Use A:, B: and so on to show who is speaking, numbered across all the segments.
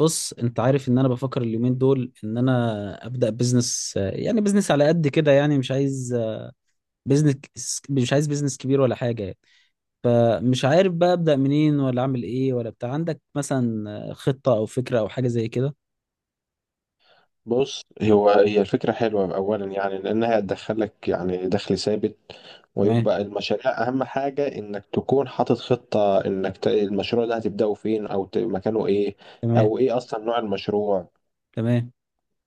A: بص انت عارف ان انا بفكر اليومين دول ان انا ابدا بزنس، يعني بزنس على قد كده. يعني بزنس مش عايز بزنس كبير ولا حاجه يعني. فمش عارف بقى ابدا منين، ولا اعمل ايه ولا بتاع. عندك مثلا خطه او فكره او حاجه زي كده؟
B: بص، هي الفكرة حلوة أولا، يعني لأنها هتدخلك يعني دخل ثابت.
A: تمام.
B: ويبقى المشاريع أهم حاجة إنك تكون حاطط خطة، إنك المشروع ده هتبدأه فين، أو مكانه إيه،
A: تمام.
B: أو إيه أصلا نوع المشروع.
A: تمام.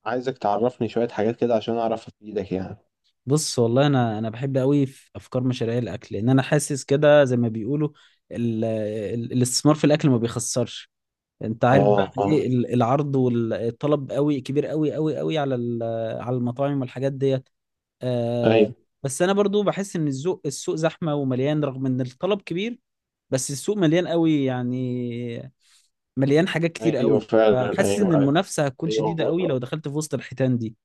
B: عايزك تعرفني شوية حاجات كده عشان أعرف أفيدك يعني.
A: بص، والله انا بحب قوي في افكار مشاريع الاكل، لان انا حاسس كده زي ما بيقولوا الاستثمار في الاكل ما بيخسرش. انت عارف بقى
B: آه آه.
A: ايه، العرض والطلب قوي كبير قوي قوي قوي على على المطاعم والحاجات ديت. آه
B: أيوه.
A: بس انا برضو بحس ان السوق زحمه ومليان، رغم ان الطلب كبير. بس السوق مليان قوي يعني، مليان حاجات كتير
B: أيوه
A: قوي،
B: فعلا،
A: فحاسس ان
B: أيوه.
A: المنافسه هتكون شديده قوي لو
B: أيوه.
A: دخلت في وسط الحيتان دي.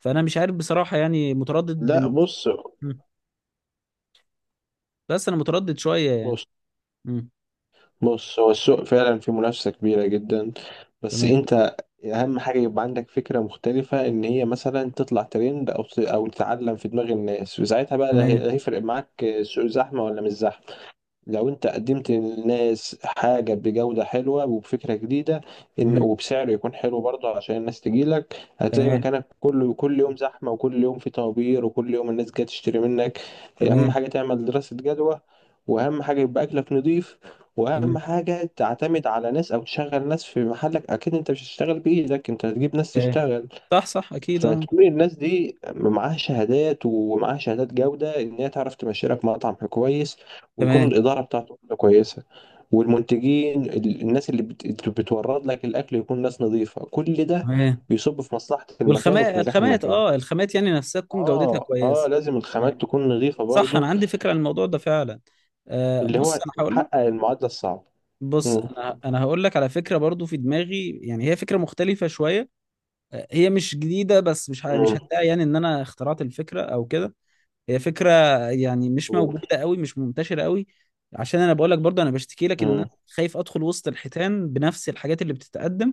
A: فانا مش عارف بصراحه، يعني متردد
B: لا، بص
A: مم. بس انا متردد شويه يعني. مم.
B: بص هو السوق فعلا فيه منافسة كبيرة جدا، بس
A: تمام.
B: انت اهم حاجة يبقى عندك فكرة مختلفة، ان هي مثلا تطلع ترند، او او تتعلم في دماغ الناس، وساعتها بقى لا
A: تمام.
B: لا هيفرق معاك السوق زحمة ولا مش زحمة. لو انت قدمت للناس حاجة بجودة حلوة وبفكرة جديدة، ان
A: مم.
B: وبسعر يكون حلو برضه عشان الناس تجيلك، هتلاقي
A: تمام.
B: مكانك كله كل يوم زحمة، وكل يوم في طوابير، وكل يوم الناس جاية تشتري منك. اهم
A: تمام.
B: حاجة تعمل دراسة جدوى، واهم حاجة يبقى اكلك نضيف، واهم
A: تمام.
B: حاجة تعتمد على ناس او تشغل ناس في محلك. اكيد انت مش هتشتغل بايدك، انت هتجيب ناس
A: تمام.
B: تشتغل.
A: صح، صح، اكيد، اه.
B: فتكون الناس دي معاها شهادات، ومعاها شهادات جودة إن هي تعرف تمشي لك مطعم كويس، ويكون
A: تمام.
B: الإدارة بتاعته كويسة. والمنتجين الناس اللي بتورد لك الأكل يكون ناس نظيفة، كل ده
A: تمام.
B: بيصب في مصلحة المكان
A: والخامات،
B: وفي نجاح المكان.
A: الخامات يعني نفسها تكون جودتها
B: آه آه،
A: كويسه.
B: لازم الخامات
A: تمام.
B: تكون نظيفة
A: صح
B: برضو.
A: انا عندي فكره عن الموضوع ده فعلا.
B: اللي هو
A: بص انا هقول لك.
B: تحقق المعادلة الصعبة.
A: بص،
B: مم.
A: انا هقول لك على فكره برضو في دماغي. يعني هي فكره مختلفه شويه. هي مش جديده، بس مش
B: مم.
A: هدعي يعني ان انا اخترعت الفكره او كده. هي فكره يعني مش
B: قول.
A: موجوده قوي، مش منتشره قوي. عشان انا بقول لك برضو، انا بشتكي لك ان انا
B: مم.
A: خايف ادخل وسط الحيتان بنفس الحاجات اللي بتتقدم.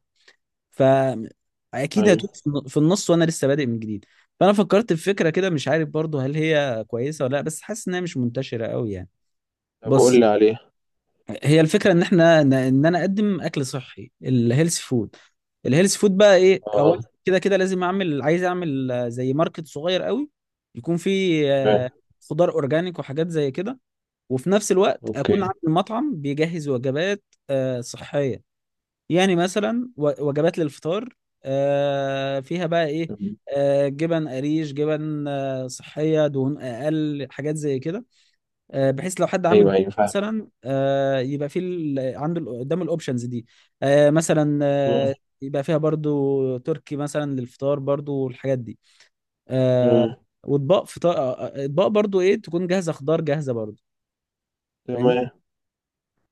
A: فاكيد
B: أيوه.
A: هتوه في النص، وانا لسه بادئ من جديد. فانا فكرت في فكره كده، مش عارف برضو هل هي كويسه ولا لا، بس حاسس انها مش منتشره قوي يعني.
B: طب قول
A: بص،
B: لي عليه.
A: هي الفكره ان انا اقدم اكل صحي، الهيلث فود. الهيلث فود بقى ايه؟ اول
B: آه.
A: كده كده لازم عايز اعمل، زي ماركت صغير قوي، يكون فيه
B: تمام.
A: خضار اورجانيك وحاجات زي كده. وفي نفس الوقت اكون
B: أوكي.
A: عامل مطعم بيجهز وجبات صحيه. يعني مثلا وجبات للفطار، فيها بقى ايه؟
B: تمام.
A: جبن قريش، جبن صحية، دهون اقل، حاجات زي كده. بحيث لو حد عامل
B: أيوه أيوه فاهم.
A: مثلا، يبقى عنده قدام الاوبشنز دي. مثلا
B: مم.
A: يبقى فيها برضو تركي مثلا للفطار برضو، والحاجات دي. آه،
B: مم.
A: واطباق فطار، اطباق برضو ايه تكون جاهزة، خضار جاهزة برضو. فاهمني؟
B: تمام.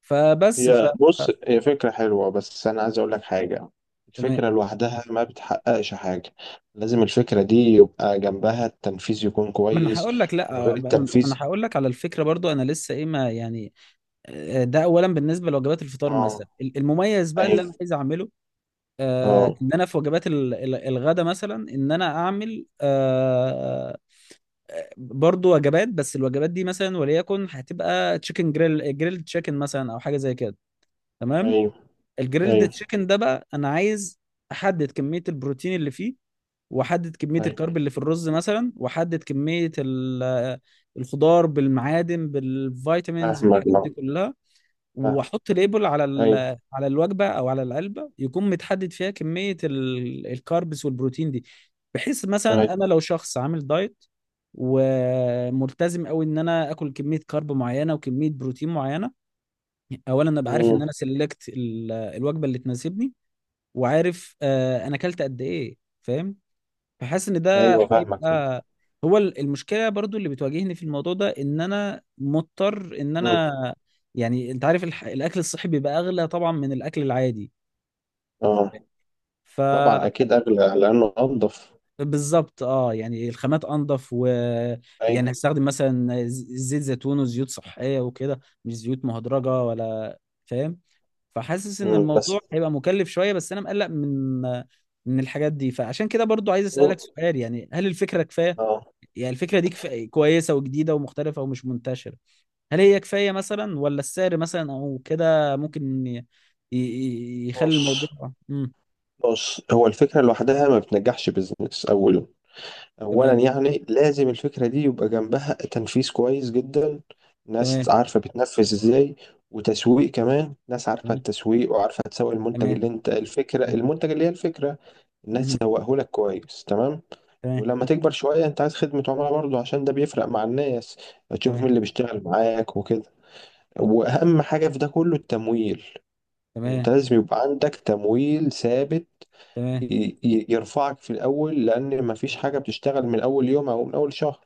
A: فبس ف
B: بص، هي فكرة حلوة، بس أنا عايز أقول لك حاجة.
A: تمام.
B: الفكرة لوحدها ما بتحققش حاجة. لازم الفكرة دي يبقى جنبها التنفيذ يكون
A: ما انا
B: كويس.
A: هقول لك، لا،
B: وغير
A: ما انا
B: التنفيذ.
A: هقول لك على الفكره برضو. انا لسه ايه ما يعني. ده اولا بالنسبه لوجبات الفطار
B: اه.
A: مثلا. المميز بقى اللي
B: أيوه.
A: انا عايز اعمله،
B: اه.
A: ان انا في وجبات الغدا مثلا، ان انا اعمل برضو وجبات، بس الوجبات دي مثلا وليكن هتبقى تشيكن جريل، جريل تشيكن مثلا، او حاجه زي كده. تمام.
B: أيوه.
A: الجريلد
B: أيوه.
A: تشيكن ده بقى انا عايز احدد كميه البروتين اللي فيه، واحدد كميه
B: أيوه
A: الكارب اللي في الرز مثلا، واحدد كميه الخضار بالمعادن بالفيتامينز
B: فاهمك.
A: بالحاجات
B: اه.
A: دي كلها.
B: فاهم.
A: واحط ليبل على
B: أيوه.
A: على الوجبه او على العلبه، يكون متحدد فيها كميه الكاربس والبروتين دي. بحيث مثلا
B: أيوه.
A: انا لو شخص عامل دايت وملتزم قوي ان انا اكل كميه كارب معينه وكميه بروتين معينه، اولا ابقى عارف ان
B: مم.
A: انا سلكت الوجبه اللي تناسبني، وعارف انا اكلت قد ايه. فاهم؟ فحاسس ان ده
B: أيوه فاهمك.
A: هيبقى. هو المشكله برضو اللي بتواجهني في الموضوع ده ان انا مضطر ان
B: مم.
A: انا يعني انت عارف الاكل الصحي بيبقى اغلى طبعا من الاكل العادي،
B: اه،
A: ف
B: طبعا أكيد أغلى لأنه أنضف.
A: بالظبط اه. يعني الخامات انضف
B: أيوه.
A: يعني هستخدم مثلا زيت زيتون وزيوت صحيه وكده، مش زيوت مهدرجه ولا. فاهم؟ فحاسس ان
B: مم.
A: الموضوع
B: بس
A: هيبقى مكلف شويه، بس انا مقلق من الحاجات دي. فعشان كده برضو عايز
B: اه
A: اسالك سؤال، يعني هل الفكره كفايه؟
B: آه،
A: يعني الفكرة دي كويسة وجديدة ومختلفة ومش منتشرة، هل هي كفاية مثلا؟ ولا السعر مثلا أو كده ممكن يخلي
B: بص
A: الموضوع؟
B: بص هو الفكرة لوحدها ما بتنجحش بيزنس أولا. اولا
A: تمام.
B: يعني لازم الفكره دي يبقى جنبها تنفيذ كويس جدا.
A: تمام.
B: ناس عارفه بتنفذ ازاي، وتسويق كمان، ناس عارفه
A: تمام.
B: التسويق وعارفه تسوق المنتج
A: تمام.
B: اللي انت الفكره، المنتج اللي هي الفكره، الناس
A: امم.
B: تسوقه لك كويس تمام.
A: تمام.
B: ولما تكبر شويه انت عايز خدمه عملاء برضه، عشان ده بيفرق مع الناس. تشوف مين
A: تمام.
B: اللي بيشتغل معاك وكده. واهم حاجه في ده كله التمويل.
A: تمام.
B: انت لازم يبقى عندك تمويل ثابت
A: تمام.
B: يرفعك في الاول، لان مفيش حاجه بتشتغل من اول يوم او من اول شهر.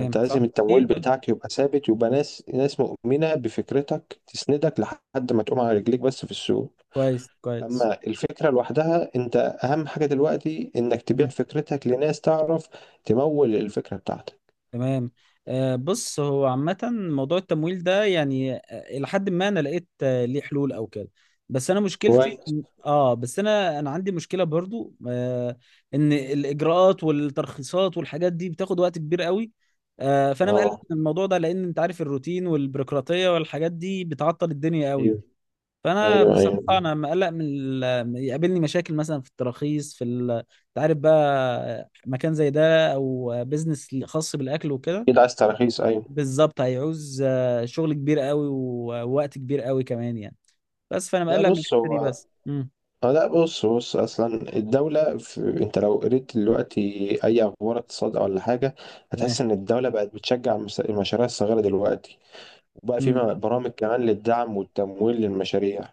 B: انت
A: صح.
B: لازم التمويل
A: أكيد. آه.
B: بتاعك يبقى ثابت، يبقى ناس مؤمنة بفكرتك تسندك لحد ما تقوم على رجليك بس في السوق.
A: كويس. كويس.
B: اما الفكرة لوحدها، انت اهم حاجة دلوقتي انك تبيع
A: مم.
B: فكرتك لناس تعرف تمول الفكرة بتاعتك.
A: تمام. بص، هو عامة موضوع التمويل ده يعني، إلى حد ما أنا لقيت ليه حلول أو كده. بس أنا مشكلتي،
B: كويس.
A: بس أنا عندي مشكلة برضو إن الإجراءات والترخيصات والحاجات دي بتاخد وقت كبير قوي. فأنا مقلق
B: اه.
A: من الموضوع ده، لأن أنت عارف الروتين والبيروقراطية والحاجات دي بتعطل الدنيا قوي.
B: ايوه.
A: فأنا
B: ايوه.
A: بصراحة
B: ايوه
A: أنا مقلق من يقابلني مشاكل مثلا في التراخيص، أنت عارف بقى مكان زي ده أو بيزنس خاص بالأكل وكده.
B: اكيد عايز تراخيص ايوه.
A: بالظبط. هيعوز شغل كبير قوي ووقت كبير قوي كمان يعني. بس فانا
B: لا
A: مقلق من
B: بص
A: الحته دي
B: هو.
A: بس.
B: اه لا بص اصلا الدولة انت لو قريت دلوقتي اي اخبار اقتصاد ولا حاجة،
A: تمام.
B: هتحس ان الدولة بقت بتشجع المشاريع الصغيرة دلوقتي. وبقى في
A: امم.
B: برامج كمان للدعم والتمويل للمشاريع.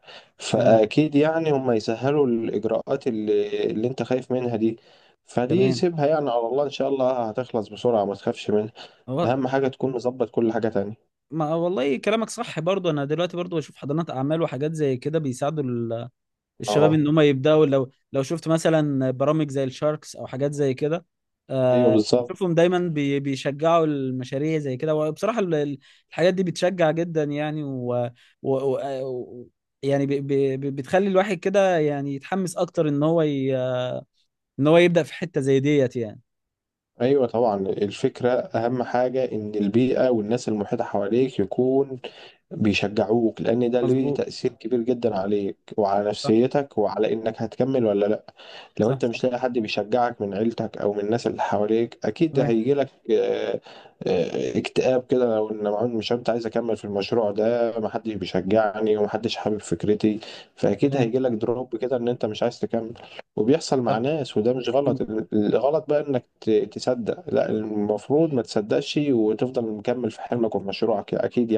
A: تمام.
B: فأكيد يعني هم يسهلوا الإجراءات اللي أنت خايف منها دي. فدي
A: تمام.
B: سيبها يعني على الله، إن شاء الله هتخلص بسرعة، ما تخافش منها.
A: هو
B: أهم حاجة تكون مظبط كل حاجة تانية.
A: ما والله كلامك صح برضه. انا دلوقتي برضه بشوف حضانات اعمال وحاجات زي كده بيساعدوا الشباب
B: أه.
A: ان هم يبداوا. لو شفت مثلا برامج زي الشاركس او حاجات زي كده،
B: أيوه
A: آه،
B: بالظبط.
A: شوفهم دايما بيشجعوا المشاريع زي كده. وبصراحة الحاجات دي بتشجع جدا يعني، و, و آه، و- يعني بتخلي الواحد كده يعني يتحمس اكتر ان هو ان هو يبدأ في حتة زي ديت يعني.
B: أيوه طبعا، الفكرة أهم حاجة إن البيئة والناس المحيطة حواليك يكون بيشجعوك، لان ده ليه
A: مظبوط.
B: تأثير كبير جدا عليك وعلى
A: صح.
B: نفسيتك وعلى انك هتكمل ولا لا. لو
A: صح.
B: انت
A: صح.
B: مش لاقي حد بيشجعك من عيلتك او من الناس اللي حواليك، اكيد
A: تمام.
B: هيجي لك اكتئاب كده، لو ان معون مش انت عايز اكمل في المشروع ده، محدش بيشجعني ومحدش حابب فكرتي، فاكيد
A: تمام.
B: هيجي لك دروب كده ان انت مش عايز تكمل. وبيحصل مع
A: صح.
B: ناس، وده مش غلط. الغلط بقى انك تصدق. لا، المفروض ما تصدقش وتفضل مكمل في حلمك وفي مشروعك اكيد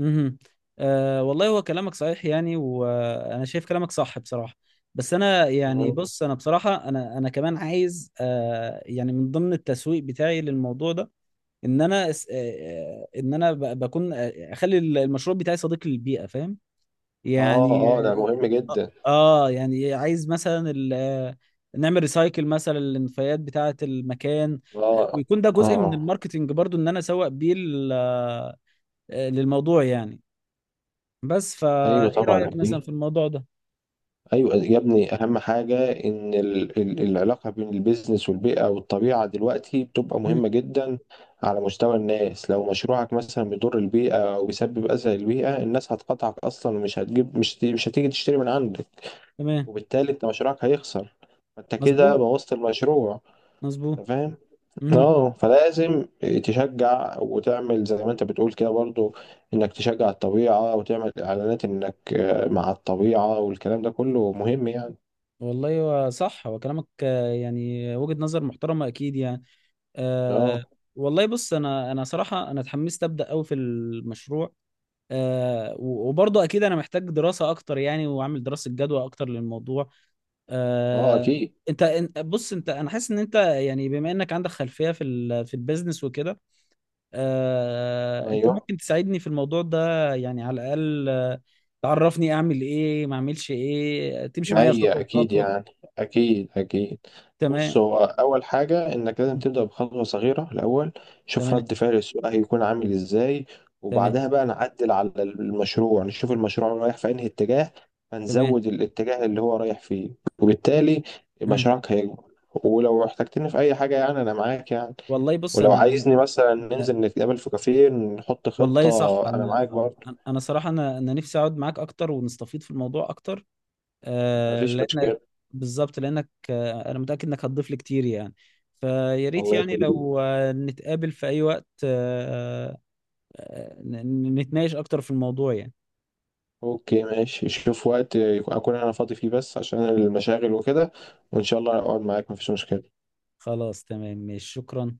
A: امم. أه، والله هو كلامك صحيح يعني، وانا شايف كلامك صح بصراحه. بس انا يعني،
B: يعني.
A: بص انا بصراحه، انا كمان عايز يعني من ضمن التسويق بتاعي للموضوع ده ان انا بكون اخلي المشروع بتاعي صديق للبيئه. فاهم
B: اه.
A: يعني؟
B: اه ده مهم
A: اه.
B: جدا.
A: يعني عايز مثلا نعمل ريسايكل مثلا للنفايات بتاعه المكان.
B: اه. اه.
A: ويكون ده جزء من
B: آه.
A: الماركتينج برضو، ان انا اسوق بيه للموضوع يعني. بس
B: ايوه
A: فايه
B: طبعا
A: رأيك مثلا في
B: أكيد.
A: الموضوع ده؟
B: ايوه يا ابني، اهم حاجه ان ال العلاقه بين البيزنس والبيئه والطبيعه دلوقتي بتبقى
A: مم.
B: مهمه جدا. على مستوى الناس، لو مشروعك مثلا بيضر البيئه او بيسبب اذى للبيئه، الناس هتقطعك اصلا، ومش هتجيب، مش هتيجي تشتري من عندك.
A: تمام.
B: وبالتالي انت مشروعك هيخسر، فانت كده
A: مظبوط.
B: بوظت المشروع.
A: مظبوط.
B: انت فاهم؟
A: مم.
B: اه، فلازم تشجع وتعمل زي ما انت بتقول كده برضو، انك تشجع الطبيعة وتعمل اعلانات انك مع الطبيعة، والكلام ده كله مهم يعني.
A: والله هو صح، هو كلامك يعني وجهة نظر محترمة اكيد يعني.
B: اه.
A: أه، والله بص، انا صراحة انا اتحمست ابدا قوي في المشروع. أه، وبرضه اكيد انا محتاج دراسة اكتر يعني، واعمل دراسة جدوى اكتر للموضوع.
B: اه
A: أه.
B: اكيد.
A: انت، بص انت، انا حاسس ان انت يعني بما انك عندك خلفية في في البيزنس وكده، انت
B: ايوه.
A: ممكن تساعدني في الموضوع ده. يعني على الاقل تعرفني اعمل ايه ما اعملش ايه، تمشي معايا
B: هي
A: خطوه
B: أكيد
A: بخطوه.
B: يعني. أكيد أكيد. بص
A: تمام.
B: هو أول حاجة إنك لازم
A: مم.
B: تبدأ بخطوة صغيرة الأول. شوف
A: تمام.
B: رد فعل السوق هيكون عامل إزاي،
A: تمام.
B: وبعدها بقى نعدل على المشروع، نشوف المشروع رايح في أنهي اتجاه،
A: تمام.
B: فنزود الاتجاه اللي هو رايح فيه. وبالتالي
A: مم.
B: مشروعك هيكبر. ولو احتجتني في أي حاجة يعني، أنا معاك يعني.
A: والله بص،
B: ولو عايزني مثلا
A: أنا-
B: ننزل نتقابل في كافيه نحط
A: والله صح،
B: خطة، أنا
A: انا
B: معاك برضه.
A: انا صراحه انا نفسي اقعد معاك اكتر، ونستفيد في الموضوع اكتر. آه،
B: مفيش
A: لانك
B: مشكلة.
A: بالظبط، لانك انا متاكد انك هتضيف لي كتير يعني. فيا ريت
B: الله
A: يعني
B: يخليك.
A: لو نتقابل في اي وقت. نتناقش اكتر في الموضوع يعني.
B: اوكي ماشي، شوف وقت اكون انا فاضي فيه، بس عشان المشاغل وكده، وان شاء الله اقعد معاك، مفيش مشكلة.
A: خلاص. تمام. ماشي. شكرا.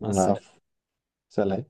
A: مع السلامة.
B: العفو. سلام.